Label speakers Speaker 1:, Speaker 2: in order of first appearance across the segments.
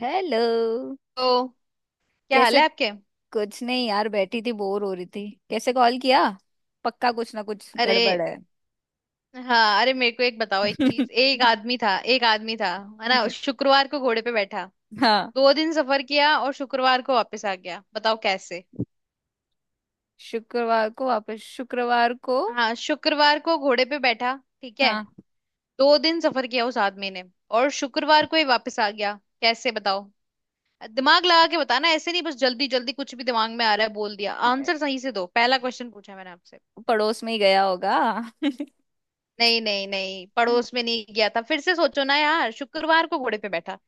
Speaker 1: Hello.
Speaker 2: तो क्या हाल
Speaker 1: कैसे?
Speaker 2: है आपके।
Speaker 1: कुछ नहीं यार, बैठी थी बोर हो रही थी, कैसे कॉल किया? पक्का कुछ ना कुछ
Speaker 2: अरे
Speaker 1: गड़बड़ है।
Speaker 2: हाँ, अरे मेरे को एक बताओ एक चीज। एक आदमी था एक आदमी था, है ना,
Speaker 1: हम्म,
Speaker 2: शुक्रवार को घोड़े पे बैठा,
Speaker 1: हाँ।
Speaker 2: दो दिन सफर किया और शुक्रवार को वापस आ गया, बताओ कैसे।
Speaker 1: शुक्रवार को वापस शुक्रवार को?
Speaker 2: हाँ, शुक्रवार को घोड़े पे बैठा, ठीक है।
Speaker 1: हाँ।
Speaker 2: दो दिन सफर किया उस आदमी ने और शुक्रवार को ही वापस आ गया। कैसे बताओ। दिमाग लगा के बताना, ऐसे नहीं बस जल्दी जल्दी कुछ भी दिमाग में आ रहा है बोल दिया। आंसर सही से दो, पहला क्वेश्चन पूछा मैंने आपसे।
Speaker 1: पड़ोस में ही गया होगा।
Speaker 2: नहीं नहीं नहीं, पड़ोस में नहीं गया था, फिर से सोचो ना यार, शुक्रवार को घोड़े पे बैठा।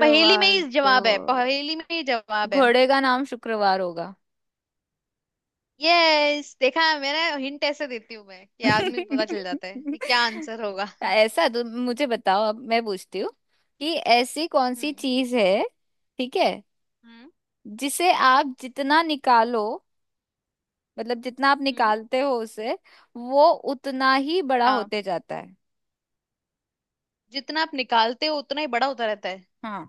Speaker 2: पहेली में ही
Speaker 1: को
Speaker 2: जवाब है, पहेली में ही जवाब है।
Speaker 1: घोड़े का नाम शुक्रवार होगा।
Speaker 2: यस, देखा, मैंने हिंट ऐसे देती हूँ मैं कि आदमी को पता चल जाता है कि क्या आंसर होगा।
Speaker 1: ऐसा तो मुझे बताओ, अब मैं पूछती हूँ कि ऐसी कौन सी
Speaker 2: हम्म।
Speaker 1: चीज है। ठीक है,
Speaker 2: हम्म।
Speaker 1: जिसे आप जितना निकालो, मतलब जितना आप
Speaker 2: हम्म।
Speaker 1: निकालते हो उसे, वो उतना ही बड़ा
Speaker 2: हाँ,
Speaker 1: होते जाता है।
Speaker 2: जितना आप निकालते हो उतना ही बड़ा होता रहता है।
Speaker 1: हाँ।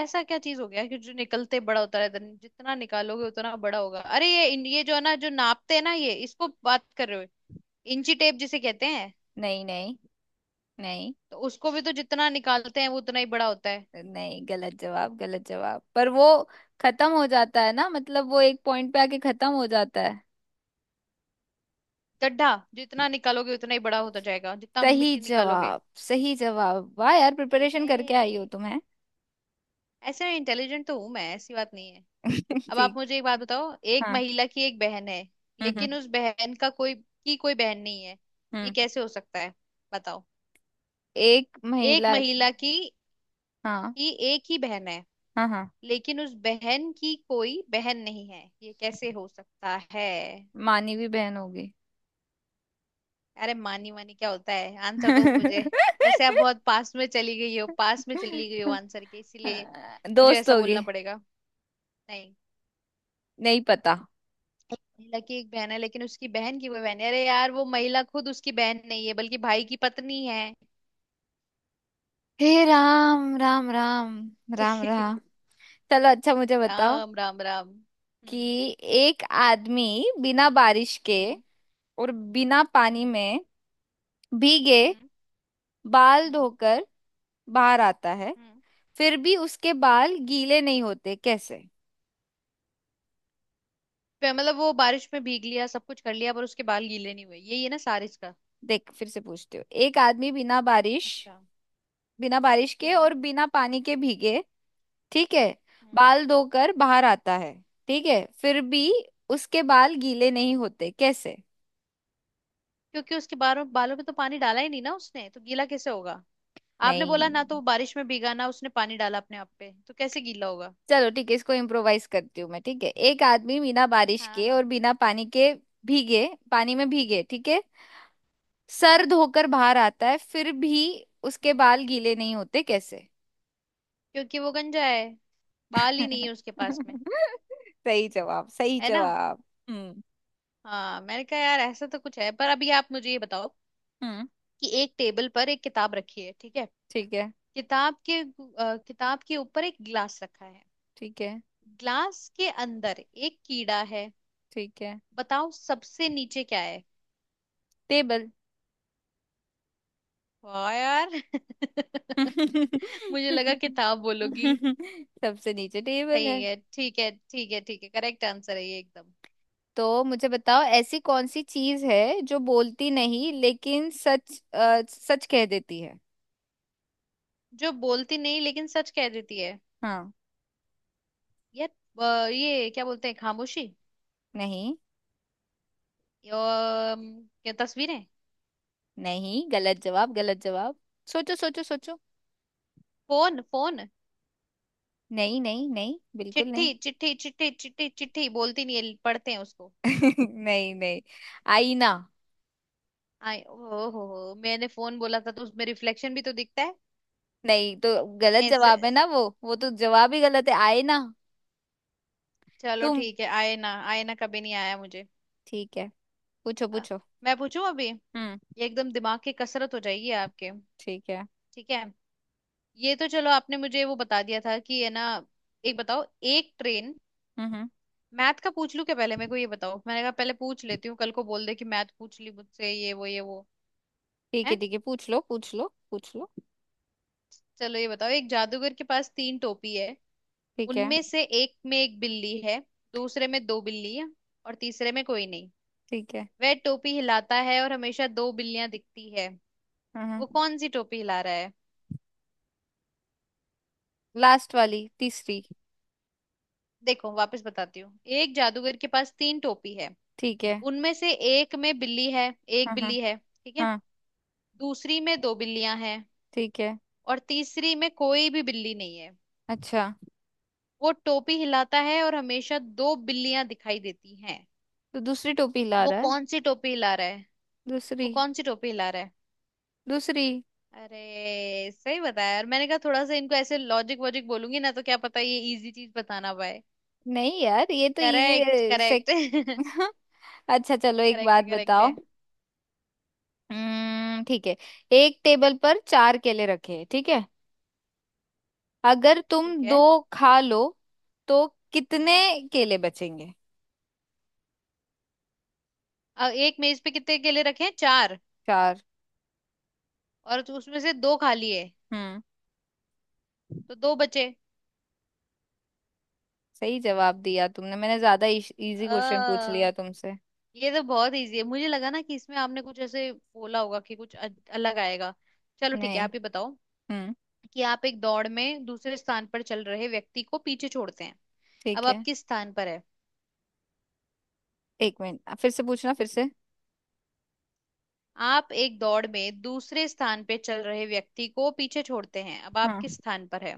Speaker 2: ऐसा क्या चीज हो गया कि जो निकलते बड़ा होता रहता है, जितना निकालोगे उतना बड़ा होगा। अरे ये ये जो है ना, जो नापते हैं ना, ये इसको बात कर रहे हो, इंची टेप जिसे कहते हैं।
Speaker 1: नहीं नहीं नहीं
Speaker 2: तो उसको भी तो जितना निकालते हैं वो उतना ही बड़ा होता है।
Speaker 1: नहीं। गलत जवाब, गलत जवाब, पर वो खत्म हो जाता है ना, मतलब वो एक पॉइंट पे आके खत्म हो जाता है।
Speaker 2: गड्ढा। जितना निकालोगे उतना ही बड़ा होता जाएगा, जितना
Speaker 1: सही
Speaker 2: मिट्टी निकालोगे।
Speaker 1: जवाब, सही जवाब। वाह यार, प्रिपरेशन करके आई
Speaker 2: ये
Speaker 1: हो तुम्हें।
Speaker 2: ऐसे इंटेलिजेंट तो हूं मैं, ऐसी बात नहीं है। अब आप
Speaker 1: ठीक।
Speaker 2: मुझे एक बात बताओ, एक
Speaker 1: हाँ।
Speaker 2: महिला की एक बहन है,
Speaker 1: हम्म हम्म
Speaker 2: लेकिन उस बहन का कोई की कोई बहन नहीं है, ये
Speaker 1: हम्म।
Speaker 2: कैसे हो सकता है बताओ।
Speaker 1: एक
Speaker 2: एक
Speaker 1: महिला।
Speaker 2: महिला की
Speaker 1: हाँ।
Speaker 2: की एक ही बहन है,
Speaker 1: हाँ हाँ।
Speaker 2: लेकिन उस बहन की कोई बहन नहीं है, ये कैसे हो सकता है।
Speaker 1: मानवी बहन होगी।
Speaker 2: अरे मानी मानी क्या होता है, आंसर दो मुझे। वैसे आप बहुत पास में चली गई हो, पास में चली गई हो आंसर के, इसीलिए मुझे
Speaker 1: दोस्त
Speaker 2: ऐसा
Speaker 1: होगे।
Speaker 2: बोलना पड़ेगा नहीं।
Speaker 1: नहीं पता।
Speaker 2: महिला की एक बहन है लेकिन उसकी बहन की वो बहन है, अरे यार वो महिला खुद उसकी बहन नहीं है, बल्कि भाई की पत्नी है।
Speaker 1: हे राम राम राम, राम राम। चलो अच्छा, मुझे बताओ
Speaker 2: राम राम राम।
Speaker 1: कि
Speaker 2: हम्म।
Speaker 1: एक आदमी बिना बारिश के
Speaker 2: हम्म।
Speaker 1: और बिना पानी
Speaker 2: हम्म।
Speaker 1: में भीगे
Speaker 2: हम्म।
Speaker 1: बाल
Speaker 2: हम्म।
Speaker 1: धोकर बाहर आता है,
Speaker 2: हम्म।
Speaker 1: फिर भी उसके बाल गीले नहीं होते, कैसे?
Speaker 2: फिर मतलब वो बारिश में भीग लिया सब कुछ कर लिया पर उसके बाल गीले नहीं हुए, यही है ना सारिस का।
Speaker 1: देख, फिर से पूछती हूँ। एक आदमी
Speaker 2: अच्छा।
Speaker 1: बिना बारिश के
Speaker 2: हम्म।
Speaker 1: और बिना पानी के भीगे, ठीक है,
Speaker 2: हम्म।
Speaker 1: बाल धोकर बाहर आता है, ठीक है, फिर भी उसके बाल गीले नहीं होते, कैसे?
Speaker 2: क्योंकि उसके बालों बालों में तो पानी डाला ही नहीं ना उसने, तो गीला कैसे होगा। आपने बोला
Speaker 1: नहीं।
Speaker 2: ना तो वो बारिश में भीगा ना, उसने पानी डाला अपने आप पे, तो कैसे गीला होगा।
Speaker 1: चलो ठीक है, इसको इम्प्रोवाइज करती हूँ मैं। ठीक है, एक आदमी बिना बारिश
Speaker 2: हाँ
Speaker 1: के
Speaker 2: हाँ।
Speaker 1: और बिना पानी के भीगे, पानी में भीगे, ठीक है,
Speaker 2: हम्म।
Speaker 1: सर धोकर बाहर आता है, फिर भी उसके
Speaker 2: हम्म।
Speaker 1: बाल गीले नहीं होते, कैसे?
Speaker 2: क्योंकि वो गंजा है, बाल ही नहीं है उसके पास में।
Speaker 1: सही जवाब, सही
Speaker 2: है ना।
Speaker 1: जवाब। हम्म
Speaker 2: हाँ, मैंने कहा यार ऐसा तो कुछ है। पर अभी आप मुझे ये बताओ
Speaker 1: हम्म।
Speaker 2: कि एक टेबल पर एक किताब रखी है, ठीक है।
Speaker 1: ठीक है
Speaker 2: किताब के ऊपर एक गिलास रखा है।
Speaker 1: ठीक है
Speaker 2: ग्लास के अंदर एक कीड़ा है।
Speaker 1: ठीक है।
Speaker 2: बताओ सबसे नीचे क्या है।
Speaker 1: टेबल।
Speaker 2: वाह यार। मुझे लगा किताब बोलोगी।
Speaker 1: सबसे नीचे टेबल है।
Speaker 2: ठीक है ठीक है ठीक है ठीक है, करेक्ट आंसर है ये एकदम।
Speaker 1: तो मुझे बताओ, ऐसी कौन सी चीज है जो बोलती
Speaker 2: हम्म।
Speaker 1: नहीं लेकिन सच कह देती है।
Speaker 2: जो बोलती नहीं लेकिन सच कह देती है,
Speaker 1: हाँ।
Speaker 2: ये क्या बोलते हैं, खामोशी।
Speaker 1: नहीं,
Speaker 2: अम, क्या, तस्वीरें।
Speaker 1: नहीं गलत जवाब, गलत जवाब। सोचो सोचो सोचो।
Speaker 2: Phone phone.
Speaker 1: नहीं नहीं नहीं, बिल्कुल
Speaker 2: चिट्ठी
Speaker 1: नहीं।
Speaker 2: चिट्ठी चिट्ठी चिट्ठी चिट्ठी बोलती नहीं है, पढ़ते हैं उसको।
Speaker 1: नहीं नहीं, आईना।
Speaker 2: आई ओ। हो, मैंने फोन बोला था तो उसमें रिफ्लेक्शन भी तो दिखता है।
Speaker 1: नहीं तो, गलत
Speaker 2: मैं इस-
Speaker 1: जवाब है ना, वो तो जवाब ही गलत है, आईना।
Speaker 2: चलो
Speaker 1: तुम।
Speaker 2: ठीक है, आए ना आए ना, कभी नहीं आया मुझे।
Speaker 1: ठीक है, पूछो
Speaker 2: अ,
Speaker 1: पूछो।
Speaker 2: मैं पूछूं अभी ये,
Speaker 1: हम्म।
Speaker 2: एकदम दिमाग की कसरत हो जाएगी आपके।
Speaker 1: ठीक है।
Speaker 2: ठीक है। ये तो चलो आपने मुझे वो बता दिया था, कि है ना। एक बताओ, एक ट्रेन।
Speaker 1: हम्म, हम्म।
Speaker 2: मैथ का पूछ लूं क्या पहले, मेरे को ये बताओ, मैंने कहा पहले पूछ लेती हूँ, कल को बोल दे कि मैथ पूछ ली मुझसे, ये वो
Speaker 1: ठीक है
Speaker 2: है।
Speaker 1: ठीक है, पूछ लो पूछ लो पूछ लो।
Speaker 2: चलो ये बताओ, एक जादूगर के पास तीन टोपी है।
Speaker 1: ठीक है।
Speaker 2: उनमें से एक में एक बिल्ली है, दूसरे में दो बिल्ली है, और तीसरे में कोई नहीं।
Speaker 1: ठीक है।
Speaker 2: वह टोपी हिलाता है और हमेशा दो बिल्लियां दिखती है।
Speaker 1: हाँ हाँ।
Speaker 2: वो कौन सी टोपी हिला रहा है।
Speaker 1: लास्ट वाली, तीसरी।
Speaker 2: देखो वापस बताती हूँ, एक जादूगर के पास तीन टोपी है,
Speaker 1: ठीक है।
Speaker 2: उनमें से एक में बिल्ली है, एक
Speaker 1: हाँ हाँ।
Speaker 2: बिल्ली है, ठीक है।
Speaker 1: हाँ।
Speaker 2: दूसरी में दो बिल्लियां हैं,
Speaker 1: ठीक है।
Speaker 2: और तीसरी में कोई भी बिल्ली नहीं है।
Speaker 1: अच्छा,
Speaker 2: वो टोपी हिलाता है और हमेशा दो बिल्लियां दिखाई देती हैं,
Speaker 1: तो दूसरी टोपी ला
Speaker 2: वो
Speaker 1: रहा है।
Speaker 2: कौन सी टोपी हिला रहा है।
Speaker 1: दूसरी।
Speaker 2: वो कौन सी टोपी हिला रहा है।
Speaker 1: दूसरी।
Speaker 2: अरे सही बताया यार, मैंने कहा थोड़ा सा इनको ऐसे लॉजिक वॉजिक बोलूंगी ना, तो क्या पता ये इजी चीज बताना पाए।
Speaker 1: नहीं यार, ये तो
Speaker 2: करेक्ट
Speaker 1: इजी से।
Speaker 2: करेक्ट।
Speaker 1: अच्छा चलो, एक
Speaker 2: करेक्ट
Speaker 1: बात
Speaker 2: करेक्ट है।
Speaker 1: बताओ। हम्म। ठीक है, एक टेबल पर चार केले रखे हैं, ठीक है, अगर तुम
Speaker 2: ठीक
Speaker 1: दो
Speaker 2: है।
Speaker 1: खा लो तो कितने
Speaker 2: हम्म।
Speaker 1: केले बचेंगे?
Speaker 2: अब एक मेज पे कितने केले रखे हैं, चार,
Speaker 1: चार।
Speaker 2: और तो उसमें से दो खाली है,
Speaker 1: हम्म।
Speaker 2: तो दो बचे।
Speaker 1: सही जवाब दिया तुमने, मैंने ज्यादा इजी
Speaker 2: अ,
Speaker 1: क्वेश्चन पूछ लिया तुमसे।
Speaker 2: ये तो बहुत इजी है, मुझे लगा ना कि इसमें आपने कुछ ऐसे बोला होगा कि कुछ अलग आएगा। चलो ठीक है,
Speaker 1: नहीं।
Speaker 2: आप ही बताओ
Speaker 1: हम्म।
Speaker 2: कि आप एक दौड़ में दूसरे स्थान पर चल रहे व्यक्ति को पीछे छोड़ते हैं, अब
Speaker 1: ठीक
Speaker 2: आप
Speaker 1: है।
Speaker 2: किस स्थान पर है।
Speaker 1: एक मिनट, फिर से पूछना, फिर से।
Speaker 2: आप एक दौड़ में दूसरे स्थान पे चल रहे व्यक्ति को पीछे छोड़ते हैं, अब आप
Speaker 1: हाँ।
Speaker 2: किस स्थान पर है।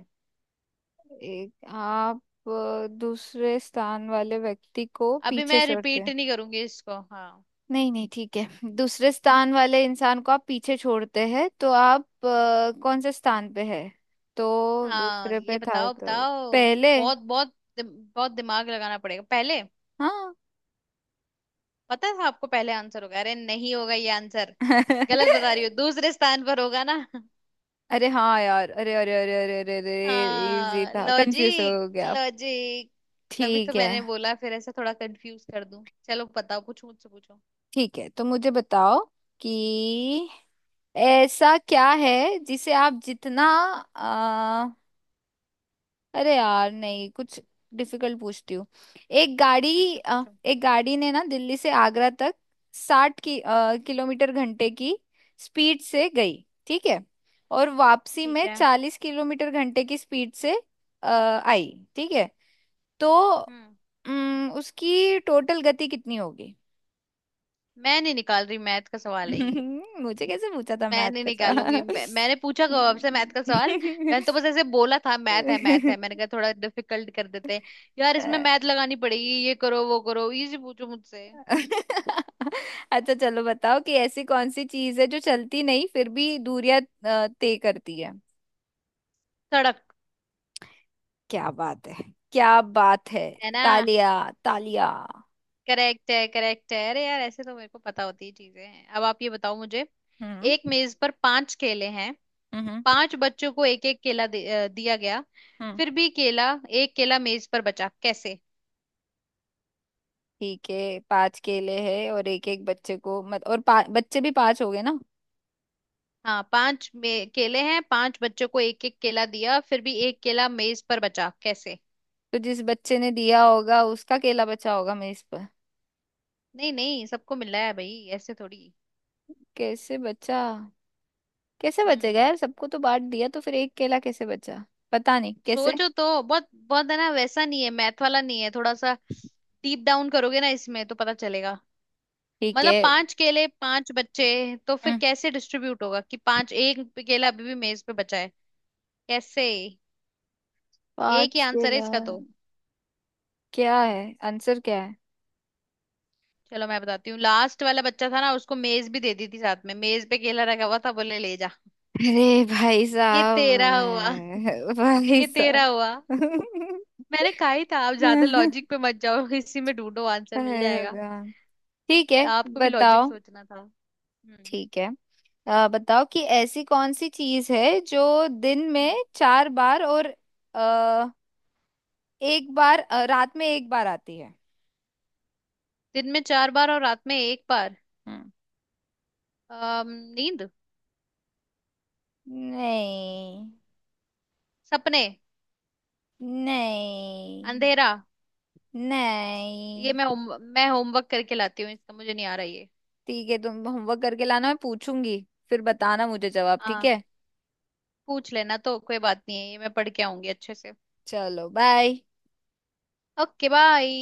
Speaker 1: एक आप दूसरे स्थान वाले व्यक्ति को
Speaker 2: अभी
Speaker 1: पीछे
Speaker 2: मैं
Speaker 1: छोड़ते
Speaker 2: रिपीट
Speaker 1: हैं।
Speaker 2: नहीं करूंगी इसको। हाँ
Speaker 1: नहीं नहीं, ठीक है। दूसरे स्थान वाले इंसान को आप पीछे छोड़ते हैं, तो आप कौन से स्थान पे है? तो
Speaker 2: हाँ,
Speaker 1: दूसरे
Speaker 2: ये
Speaker 1: पे था,
Speaker 2: बताओ
Speaker 1: तो
Speaker 2: बताओ।
Speaker 1: पहले।
Speaker 2: बहुत बहुत बहुत दिमाग लगाना पड़ेगा, पहले
Speaker 1: हाँ।
Speaker 2: पता था आपको पहले आंसर होगा, अरे नहीं होगा ये आंसर, गलत बता रही हो, दूसरे स्थान पर होगा ना।
Speaker 1: अरे हाँ यार, अरे अरे अरे अरे अरे अरे, इजी
Speaker 2: हाँ,
Speaker 1: था, कंफ्यूज
Speaker 2: लॉजिक
Speaker 1: हो गया आप।
Speaker 2: लॉजिक, तभी तो
Speaker 1: ठीक है।
Speaker 2: मैंने बोला फिर ऐसे थोड़ा कंफ्यूज कर दूं। चलो बताओ, पूछो मुझसे पूछो।
Speaker 1: ठीक है, तो मुझे बताओ कि ऐसा क्या है जिसे आप जितना आ, अरे यार नहीं, कुछ डिफिकल्ट पूछती हूँ।
Speaker 2: अच्छा पूछो।
Speaker 1: एक गाड़ी ने ना दिल्ली से आगरा तक साठ किलोमीटर घंटे की स्पीड से गई, ठीक है, और वापसी
Speaker 2: ठीक
Speaker 1: में
Speaker 2: है।
Speaker 1: चालीस किलोमीटर घंटे की स्पीड से आई, ठीक है, तो
Speaker 2: हम्म।
Speaker 1: उसकी टोटल गति कितनी होगी?
Speaker 2: मैं नहीं निकाल रही, मैथ का सवाल है ये।
Speaker 1: मुझे कैसे पूछा था
Speaker 2: मैं
Speaker 1: मैथ
Speaker 2: नहीं
Speaker 1: का
Speaker 2: निकालूंगी
Speaker 1: सवाल?
Speaker 2: मैं, मैंने पूछा कब आपसे मैथ का सवाल। मैंने तो बस ऐसे बोला था मैथ है मैथ है, मैंने कहा थोड़ा डिफिकल्ट कर देते हैं। यार, इसमें मैथ लगानी पड़ेगी, ये करो वो करो, इजी पूछो मुझसे।
Speaker 1: अच्छा चलो, बताओ कि ऐसी कौन सी चीज है जो चलती नहीं फिर भी दूरियां तय करती है।
Speaker 2: सड़क।
Speaker 1: क्या बात है, क्या बात है।
Speaker 2: है ना।
Speaker 1: तालिया, तालिया।
Speaker 2: करेक्ट है करेक्ट है, अरे यार ऐसे तो मेरे को पता होती ही चीजें हैं। अब आप ये बताओ मुझे, एक
Speaker 1: हम्म
Speaker 2: मेज पर पांच केले हैं,
Speaker 1: हम्म
Speaker 2: पांच बच्चों को एक एक दिया गया।
Speaker 1: हम्म।
Speaker 2: फिर भी केला, एक केला मेज पर बचा कैसे।
Speaker 1: ठीक है, पांच केले हैं और एक एक बच्चे को मत और पा, बच्चे भी पांच हो गए ना।
Speaker 2: हाँ, केले हैं पांच, बच्चों को एक एक केला दिया फिर भी एक केला मेज पर बचा कैसे।
Speaker 1: तो जिस बच्चे ने दिया होगा उसका केला बचा होगा मेज पर।
Speaker 2: नहीं नहीं, सबको मिल रहा है भाई, ऐसे थोड़ी।
Speaker 1: कैसे बचा? कैसे बचेगा
Speaker 2: हम्म।
Speaker 1: यार, सबको तो बांट दिया तो फिर एक केला कैसे बचा? पता नहीं कैसे।
Speaker 2: सोचो तो बहुत, बहुत है ना, वैसा नहीं है, मैथ वाला नहीं है, थोड़ा सा डीप डाउन करोगे ना इसमें तो पता चलेगा।
Speaker 1: ठीक
Speaker 2: मतलब
Speaker 1: है।
Speaker 2: पांच केले पांच बच्चे, तो फिर
Speaker 1: हम्म।
Speaker 2: कैसे डिस्ट्रीब्यूट होगा कि पांच, एक केला अभी भी मेज पे बचा है, कैसे। एक ही
Speaker 1: पाँच
Speaker 2: आंसर है
Speaker 1: केला।
Speaker 2: इसका तो।
Speaker 1: क्या है आंसर, क्या है?
Speaker 2: चलो मैं बताती हूँ, लास्ट वाला बच्चा था ना, उसको मेज भी दे दी थी साथ में, मेज पे केला रखा हुआ था, बोले ले जा,
Speaker 1: अरे भाई
Speaker 2: ये तेरा हुआ,
Speaker 1: साहब, भाई
Speaker 2: ये तेरा
Speaker 1: साहब।
Speaker 2: हुआ। मैंने कहा ही था आप ज्यादा
Speaker 1: अरे
Speaker 2: लॉजिक पे मत जाओ, इसी में ढूंढो आंसर मिल जाएगा।
Speaker 1: भगवान। ठीक है,
Speaker 2: आपको भी लॉजिक
Speaker 1: बताओ।
Speaker 2: सोचना था। हम्म।
Speaker 1: ठीक है, बताओ कि ऐसी कौन सी चीज है जो दिन में
Speaker 2: हम्म।
Speaker 1: चार बार और आ, एक बार अ, रात में एक बार आती है।
Speaker 2: दिन में चार बार और रात में एक बार।
Speaker 1: हम्म।
Speaker 2: अम, नींद।
Speaker 1: नहीं
Speaker 2: सपने।
Speaker 1: नहीं
Speaker 2: अंधेरा।
Speaker 1: नहीं।
Speaker 2: ये मैं होमवर्क करके लाती हूँ, इसका मुझे नहीं आ रहा ये।
Speaker 1: ठीक है, तुम होमवर्क करके लाना, मैं पूछूंगी, फिर बताना मुझे जवाब, ठीक
Speaker 2: हाँ,
Speaker 1: है।
Speaker 2: पूछ लेना तो कोई बात नहीं है, ये मैं पढ़ के आऊंगी अच्छे से।
Speaker 1: चलो बाय।
Speaker 2: Okay bye.